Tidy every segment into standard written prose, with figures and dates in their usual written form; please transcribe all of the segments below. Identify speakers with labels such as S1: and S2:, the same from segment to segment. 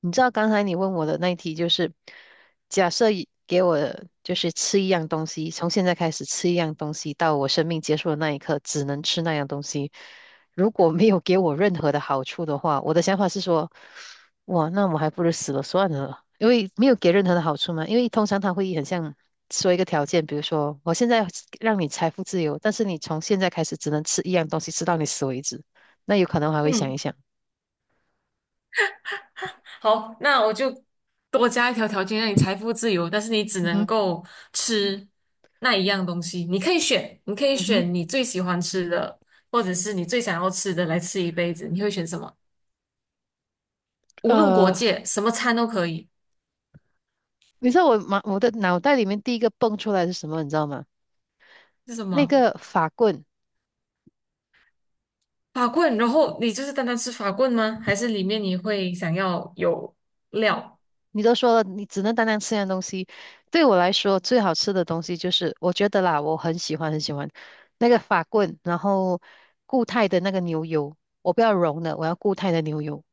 S1: 你知道刚才你问我的那一题就是，假设一给我就是吃一样东西，从现在开始吃一样东西，到我生命结束的那一刻，只能吃那样东西。如果没有给我任何的好处的话，我的想法是说，哇，那我还不如死了算了，因为没有给任何的好处嘛。因为通常他会很像说一个条件，比如说我现在让你财富自由，但是你从现在开始只能吃一样东西，吃到你死为止。那有可能我还会想
S2: 嗯，
S1: 一想。
S2: 好，那我就多加一条条件，让你财富自由，但是你只
S1: 嗯
S2: 能
S1: 哼，
S2: 够吃那一样东西。你可以选，你可以
S1: 嗯哼。
S2: 选你最喜欢吃的，或者是你最想要吃的来吃一辈子。你会选什么？无论国
S1: 呃。
S2: 界，什么餐都可以。
S1: 你知道我的脑袋里面第一个蹦出来是什么？你知道吗？
S2: 是什
S1: 那
S2: 么？
S1: 个法棍，
S2: 法棍？然后你就是单单吃法棍吗？还是里面你会想要有料？
S1: 你都说了，你只能单单吃那样东西。对我来说，最好吃的东西就是，我觉得啦，我很喜欢很喜欢那个法棍，然后固态的那个牛油，我不要融的，我要固态的牛油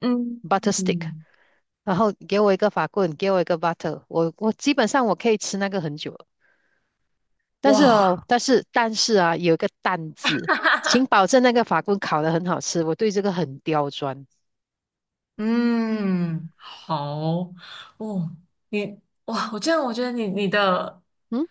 S2: 嗯，
S1: （(butter stick)。
S2: 嗯，
S1: 然后给我一个法棍，给我一个 butter,我基本上我可以吃那个很久了。但是哦，
S2: 哇，
S1: 但是啊，有一个"蛋"字，请保证那个法棍烤得很好吃，我对这个很刁钻。
S2: 嗯，好，哦，你哇，我这样我觉得你的。
S1: 嗯。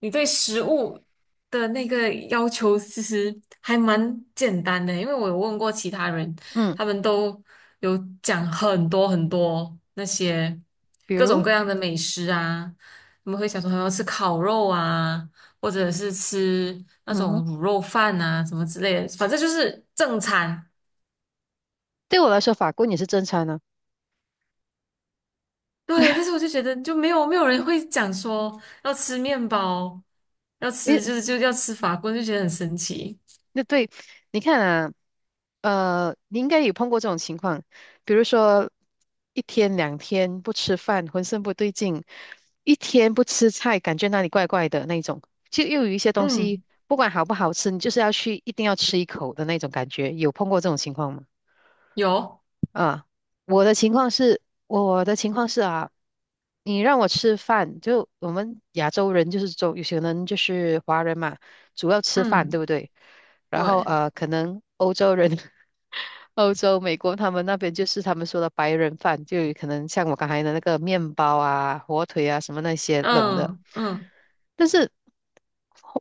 S2: 你对食物的那个要求其实还蛮简单的，因为我有问过其他人，
S1: 嗯，
S2: 他们都有讲很多很多那些
S1: 比
S2: 各种
S1: 如，
S2: 各样的美食啊，他们会想说他们要吃烤肉啊，或者是吃那
S1: 嗯
S2: 种
S1: 哼，
S2: 卤肉饭啊什么之类的，反正就是正餐。
S1: 对我来说，法棍也是正餐呢。
S2: 对，但是我就觉得就没有人会讲说要吃面包，要
S1: 因
S2: 吃
S1: 为
S2: 就是就要吃法棍，就觉得很神奇。
S1: 那对，你看啊，你应该有碰过这种情况，比如说一天两天不吃饭，浑身不对劲；一天不吃菜，感觉那里怪怪的那种。就又有一些东西，
S2: 嗯，
S1: 不管好不好吃，你就是要去，一定要吃一口的那种感觉。有碰过这种情况吗？
S2: 有。
S1: 啊，我的情况是，我的情况是啊，你让我吃饭，就我们亚洲人就是中，有些人就是华人嘛，主要吃饭，对
S2: 嗯，
S1: 不对？然后
S2: 对，
S1: 可能欧洲人 欧洲、美国他们那边就是他们说的白人饭，就有可能像我刚才的那个面包啊、火腿啊什么那些冷的。
S2: 嗯，嗯，
S1: 但是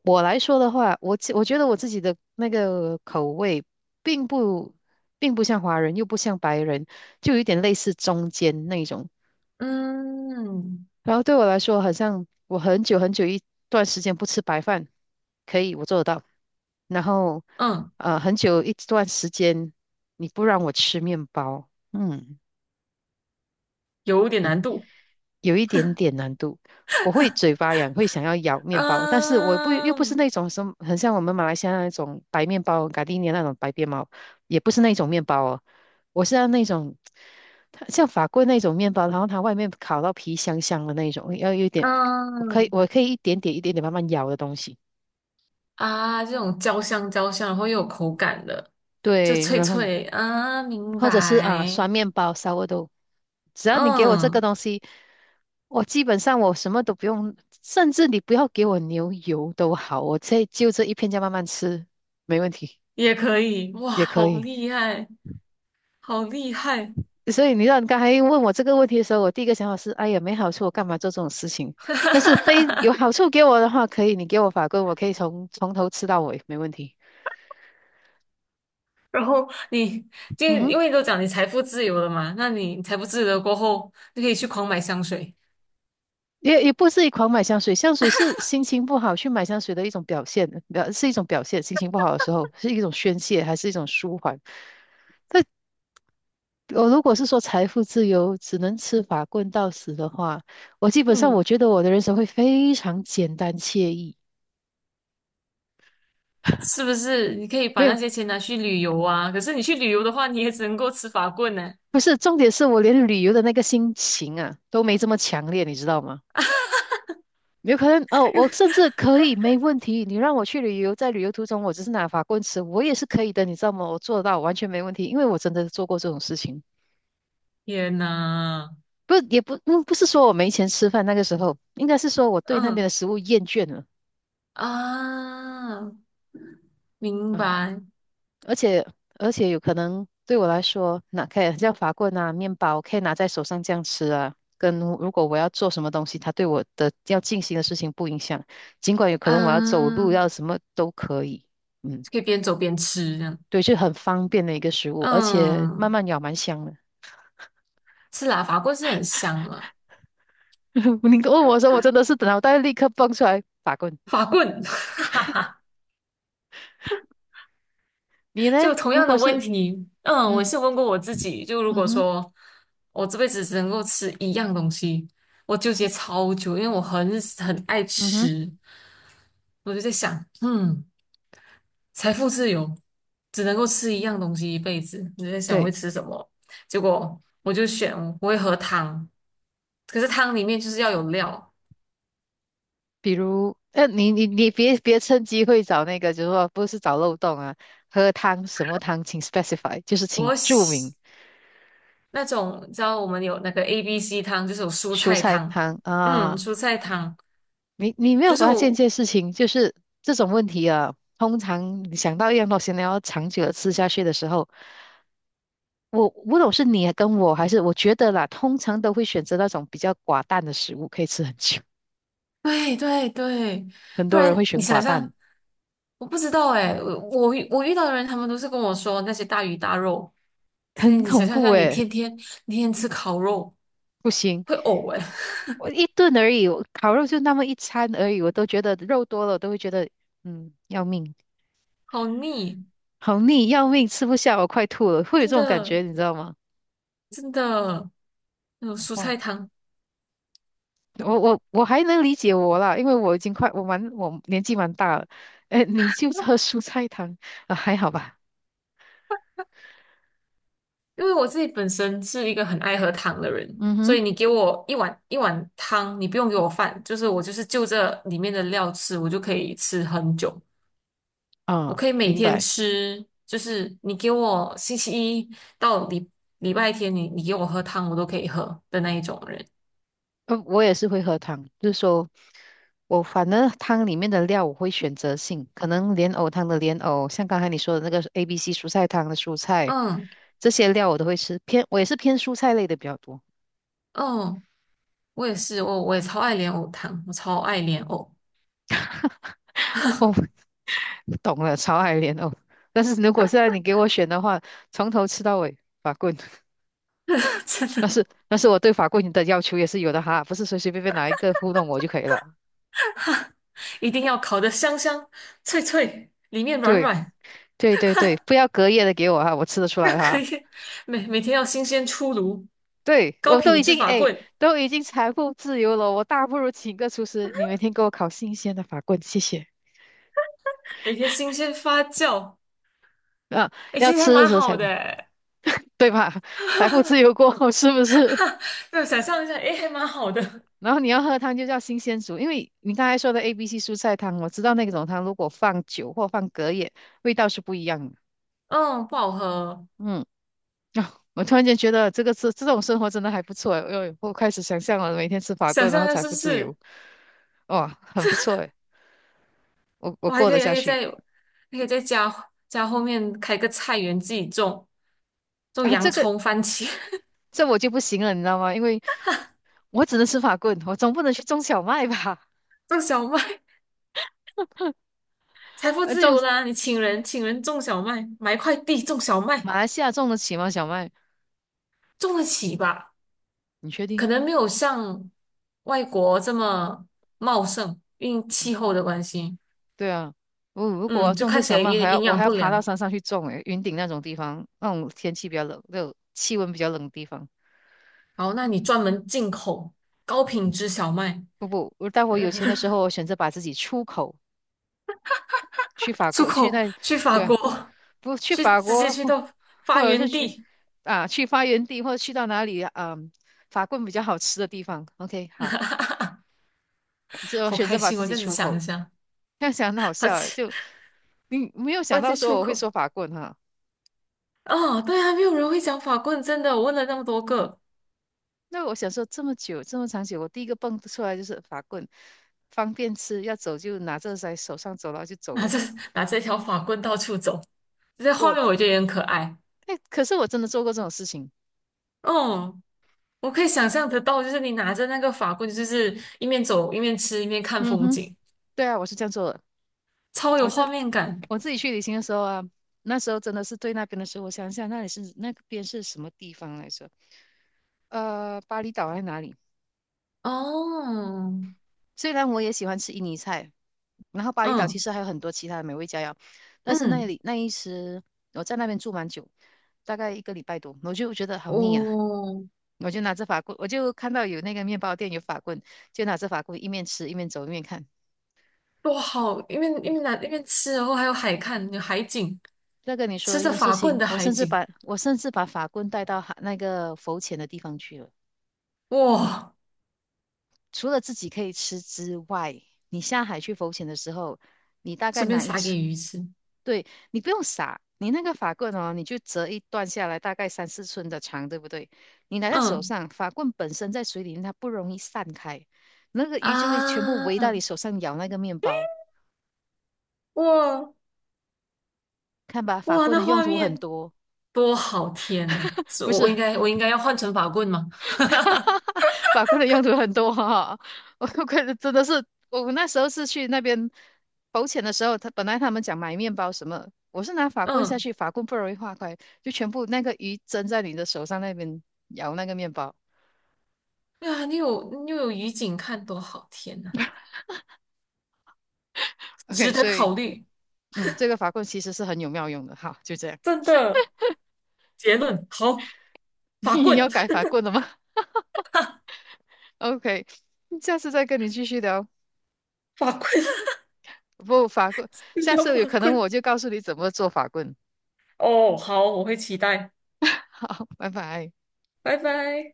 S1: 我来说的话，我觉得我自己的那个口味并不并不像华人，又不像白人，就有一点类似中间那种。
S2: 嗯，嗯，
S1: 然后对我来说，好像我很久很久一段时间不吃白饭，可以，我做得到。然后，
S2: 嗯，
S1: 很久一段时间你不让我吃面包，嗯，
S2: 有点难度。
S1: 有一点点难度，我会嘴巴痒，会想要咬面包，但是我不又不是
S2: 嗯，
S1: 那种什么，很像我们马来西亚那种白面包、咖喱面那种白面包，也不是那种面包哦，我是要那种，它像法棍那种面包，然后它外面烤到皮香香的那种，要有一点，我可以
S2: 嗯，
S1: 我可以一点点一点点慢慢咬的东西，
S2: 啊，这种焦香焦香，然后又有口感的，就
S1: 对，
S2: 脆
S1: 然后
S2: 脆啊，明
S1: 或者是啊
S2: 白。
S1: 酸面包、稍微都。只要你给我这个
S2: 嗯，
S1: 东西，我基本上我什么都不用，甚至你不要给我牛油都好，我这就这一片酱慢慢吃，没问题，
S2: 也可以。哇，
S1: 也可
S2: 好
S1: 以。
S2: 厉害，好厉害！
S1: 所以你刚才问我这个问题的时候，我第一个想法是，哎呀，没好处，我干嘛做这种事情？
S2: 哈
S1: 但是
S2: 哈
S1: 非有
S2: 哈。
S1: 好处给我的话，可以，你给我法棍，我可以从头吃到尾，没问题。
S2: 然后你，就
S1: 嗯哼，
S2: 因为都讲你财富自由了嘛，那你财富自由了过后，就可以去狂买香水。
S1: 也不是一狂买香水，香水是心情不好去买香水的一种表现，表是一种表现。心情不好的时候是一种宣泄，还是一种舒缓？但我如果是说财富自由，只能吃法棍到死的话，我基本上我
S2: 嗯。
S1: 觉得我的人生会非常简单惬意。
S2: 是不是？你可以把
S1: 没
S2: 那
S1: 有，
S2: 些钱拿去旅游啊。可是你去旅游的话，你也只能够吃法棍呢。
S1: 不是，重点是我连旅游的那个心情啊都没这么强烈，你知道吗？有可能哦，我甚至可以没问题，你让我去旅游，在旅游途中我只是拿法棍吃，我也是可以的，你知道吗？我做得到，完全没问题，因为我真的做过这种事情。
S2: 天呐，
S1: 不，也不，嗯不是说我没钱吃饭，那个时候应该是说我对那边的
S2: 嗯，
S1: 食物厌倦了。
S2: 啊，明
S1: 啊，
S2: 白，
S1: 而且而且有可能对我来说，拿可以像法棍啊、面包，可以拿在手上这样吃啊。跟如果我要做什么东西，它对我的要进行的事情不影响，尽管有可能我要走路，
S2: 嗯、
S1: 要什么都可以。嗯，
S2: 可以边走边吃这样。
S1: 对，就很方便的一个食物，而且慢
S2: 嗯，
S1: 慢咬蛮香的。
S2: 是啦，法棍是很香啊。
S1: 你问我说，我真的是脑袋立刻蹦出来法棍。
S2: 法棍。
S1: 你呢？
S2: 就同
S1: 如
S2: 样的
S1: 果
S2: 问
S1: 是，
S2: 题，嗯，我
S1: 嗯，
S2: 是问过我自己，就如
S1: 嗯
S2: 果
S1: 哼，
S2: 说我这辈子只能够吃一样东西，我纠结超久，因为我很很爱
S1: 嗯哼，
S2: 吃，我就在想，嗯。财富自由，只能够吃一样东西一辈子。你在想我会
S1: 对。
S2: 吃什么？结果我就选我会喝汤，可是汤里面就是要有料。
S1: 比如，你别趁机会找那个，就是说不是找漏洞啊，喝汤什么汤，请 specify,就是请
S2: 我
S1: 注
S2: 喜
S1: 明
S2: 那种，你知道我们有那个 ABC 汤，就是有蔬
S1: 蔬
S2: 菜
S1: 菜
S2: 汤，
S1: 汤
S2: 嗯，
S1: 啊。
S2: 蔬菜汤
S1: 你没有
S2: 就是
S1: 发现一
S2: 我，
S1: 件事情，就是这种问题啊，通常你想到一样东西，你要长久的吃下去的时候，我不懂是你跟我还是我觉得啦，通常都会选择那种比较寡淡的食物，可以吃很久。
S2: 对对对，
S1: 很
S2: 不
S1: 多人会
S2: 然你
S1: 选
S2: 想
S1: 寡淡，
S2: 象，我不知道哎，我遇到的人，他们都是跟我说那些大鱼大肉，所以
S1: 很
S2: 你想
S1: 恐
S2: 象一
S1: 怖
S2: 下，
S1: 诶，
S2: 你天天吃烤肉
S1: 不行。
S2: 会呕哎，
S1: 我一顿而已，我烤肉就那么一餐而已，我都觉得肉多了，我都会觉得嗯要命，
S2: 好腻，
S1: 好腻，要命，吃不下，我快吐了，会有
S2: 真
S1: 这种感
S2: 的。
S1: 觉，你知道吗？
S2: 真的，那种蔬
S1: 哇，
S2: 菜汤，
S1: 我还能理解我啦，因为我已经快我年纪蛮大了，哎，你就喝蔬菜汤啊，还好吧？
S2: 因为我自己本身是一个很爱喝汤的人，
S1: 嗯
S2: 所
S1: 哼，
S2: 以你给我一碗一碗汤，你不用给我饭，就是我就是就这里面的料吃，我就可以吃很久，我
S1: 啊，
S2: 可以每
S1: 明
S2: 天
S1: 白。
S2: 吃，就是你给我星期一到礼拜天你，你给我喝汤，我都可以喝的那一种人。
S1: 我也是会喝汤，就是说我反正汤里面的料我会选择性，可能莲藕汤的莲藕，像刚才你说的那个 A、B、C 蔬菜汤的蔬菜，
S2: 嗯，
S1: 这些料我都会吃。偏我也是偏蔬菜类的比较多。
S2: 嗯，我也是，我也超爱莲藕汤，我超爱莲藕，
S1: 哦，懂了，潮海莲藕。但是如果现在你给我选的话，从头吃到尾，法棍。
S2: 真
S1: 但
S2: 的。
S1: 是但是我对法棍的要求也是有的哈，不是随随便便拿一个糊弄我就可以了。
S2: 一定要烤得香香脆脆，里面软
S1: 对
S2: 软。
S1: 对对对，不要隔夜的给我哈，我吃得出
S2: 要
S1: 来
S2: 可
S1: 哈。
S2: 以每天要新鲜出炉，
S1: 对，
S2: 高
S1: 我都
S2: 品
S1: 已
S2: 质
S1: 经
S2: 法
S1: 哎，
S2: 棍，
S1: 都已经财富自由了，我大不如请个厨师，你每天给我烤新鲜的法棍，谢谢。
S2: 每天新鲜发酵，
S1: 啊，
S2: 哎，
S1: 要
S2: 其实还
S1: 吃的
S2: 蛮
S1: 时候
S2: 好
S1: 才
S2: 的诶，
S1: 对吧？财富自由过后是不是？
S2: 对，想象一下，哎，还蛮好的，
S1: 然后你要喝汤就叫新鲜煮，因为你刚才说的 A、B、C 蔬菜汤，我知道那种汤如果放酒或放隔夜，味道是不一样的。
S2: 嗯，不好喝，
S1: 嗯，啊，我突然间觉得这个是这种生活真的还不错哎，哎我开始想象了，每天吃法
S2: 想
S1: 棍，然
S2: 象一
S1: 后
S2: 下
S1: 财
S2: 是不
S1: 富自由，
S2: 是？
S1: 哇，很不错哎，我
S2: 我还
S1: 过
S2: 可
S1: 得
S2: 以，还
S1: 下
S2: 可以
S1: 去。
S2: 在，还可以在家后面开个菜园，自己种
S1: 啊，
S2: 洋
S1: 这个
S2: 葱、番茄，
S1: 这我就不行了，你知道吗？因为我只能吃法棍，我总不能去种小麦吧？
S2: 种小麦，财 富
S1: 呃，
S2: 自
S1: 种
S2: 由啦！你请人种小麦，买一块地种小麦，
S1: 马来西亚种得起吗？小麦？
S2: 种得起吧？
S1: 你确
S2: 可
S1: 定？
S2: 能没有像外国这么茂盛，因为气候的关系，
S1: 对啊，我如果要
S2: 嗯，就
S1: 种个
S2: 看起
S1: 小
S2: 来有
S1: 麦，还
S2: 点
S1: 要
S2: 营
S1: 我
S2: 养
S1: 还要
S2: 不
S1: 爬到
S2: 良。
S1: 山上去种，诶，云顶那种地方，那种天气比较冷，那种气温比较冷的地方。
S2: 然好，那你专门进口高品质小麦，
S1: 不不，我待会
S2: 呃，
S1: 有钱的时候，我选择把自己出口去 法
S2: 出
S1: 国，去
S2: 口
S1: 那，
S2: 去法
S1: 对啊，
S2: 国，
S1: 不去
S2: 去
S1: 法
S2: 直接
S1: 国
S2: 去到
S1: 或
S2: 发
S1: 者是
S2: 源
S1: 去
S2: 地，
S1: 啊去发源地，或者去到哪里啊，嗯法棍比较好吃的地方。OK,好，这我
S2: 好
S1: 选
S2: 开
S1: 择把
S2: 心
S1: 自
S2: 我
S1: 己
S2: 这样子
S1: 出
S2: 想一
S1: 口。
S2: 下，
S1: 这样想很好
S2: 把
S1: 笑
S2: 自
S1: 诶，
S2: 己
S1: 就你没有想
S2: 把
S1: 到
S2: 自己出
S1: 说我会
S2: 口。
S1: 说法棍哈。
S2: 哦，对啊，没有人会讲法棍，真的，我问了那么多个，
S1: 那我想说这么久这么长久，我第一个蹦出来就是法棍，方便吃，要走就拿着在手上走了就走
S2: 拿
S1: 了。
S2: 着拿着一条法棍到处走，这在画
S1: 我
S2: 面我觉得也很可爱。
S1: 哎，可是我真的做过这种事情。
S2: 嗯。我可以想象得到，就是你拿着那个法棍，就是一面走一面吃一面看
S1: 嗯
S2: 风
S1: 哼，
S2: 景，
S1: 对啊，我是这样做的。
S2: 超有
S1: 我
S2: 画
S1: 是
S2: 面感。
S1: 我自己去旅行的时候啊，那时候真的是对那边的时候，我想想那里是那边是什么地方来着？巴厘岛还是哪里？
S2: 哦，
S1: 虽然我也喜欢吃印尼菜，然后巴厘岛其
S2: 嗯，
S1: 实还有很多其他的美味佳肴，但是那
S2: 嗯，
S1: 里那一时我在那边住蛮久，大概一个礼拜多，我就觉得好腻啊，
S2: 哦，
S1: 我就拿着法棍，我就看到有那个面包店有法棍，就拿着法棍一面吃一面走一面看。
S2: 多好！一面一面拿一面吃，然后还有海看，有海景，
S1: 再跟你
S2: 吃
S1: 说一
S2: 着
S1: 件事
S2: 法棍
S1: 情，
S2: 的海景，
S1: 我甚至把法棍带到海那个浮潜的地方去了。
S2: 哇！
S1: 除了自己可以吃之外，你下海去浮潜的时候，你大概
S2: 顺便
S1: 拿一
S2: 撒给
S1: 车，
S2: 鱼吃，
S1: 对，你不用撒，你那个法棍哦，你就折一段下来，大概三四寸的长，对不对？你拿在手
S2: 嗯，
S1: 上，法棍本身在水里面它不容易散开，那个鱼就会全部围到你
S2: 啊，
S1: 手上咬那个面包。
S2: 哇，
S1: 看吧，法
S2: 哇，
S1: 棍
S2: 那
S1: 的用
S2: 画
S1: 途很
S2: 面
S1: 多，
S2: 多好！天呐，是
S1: 不是？
S2: 我应该要换成法棍吗？
S1: 法棍的用途很多哈、我可真的是，我那时候是去那边浮潜的时候，他本来他们讲买面包什么，我是拿法棍下
S2: 嗯，
S1: 去，法棍不容易化开，就全部那个鱼蒸在你的手上那边咬那个面包。
S2: 对啊，你又有鱼景看，多好！天呐。值
S1: OK,
S2: 得
S1: 所以
S2: 考虑。
S1: 嗯，这个法棍其实是很有妙用的。好，就这样，
S2: 真的，结论好，法
S1: 你
S2: 棍，
S1: 要改法棍了吗 ？OK,下次再跟你继续聊。
S2: 法棍，
S1: 不，法棍，
S2: 医
S1: 下
S2: 疗
S1: 次有
S2: 法
S1: 可能
S2: 棍。
S1: 我就告诉你怎么做法棍。
S2: 哦，好，我会期待，
S1: 好，拜拜。
S2: 拜拜。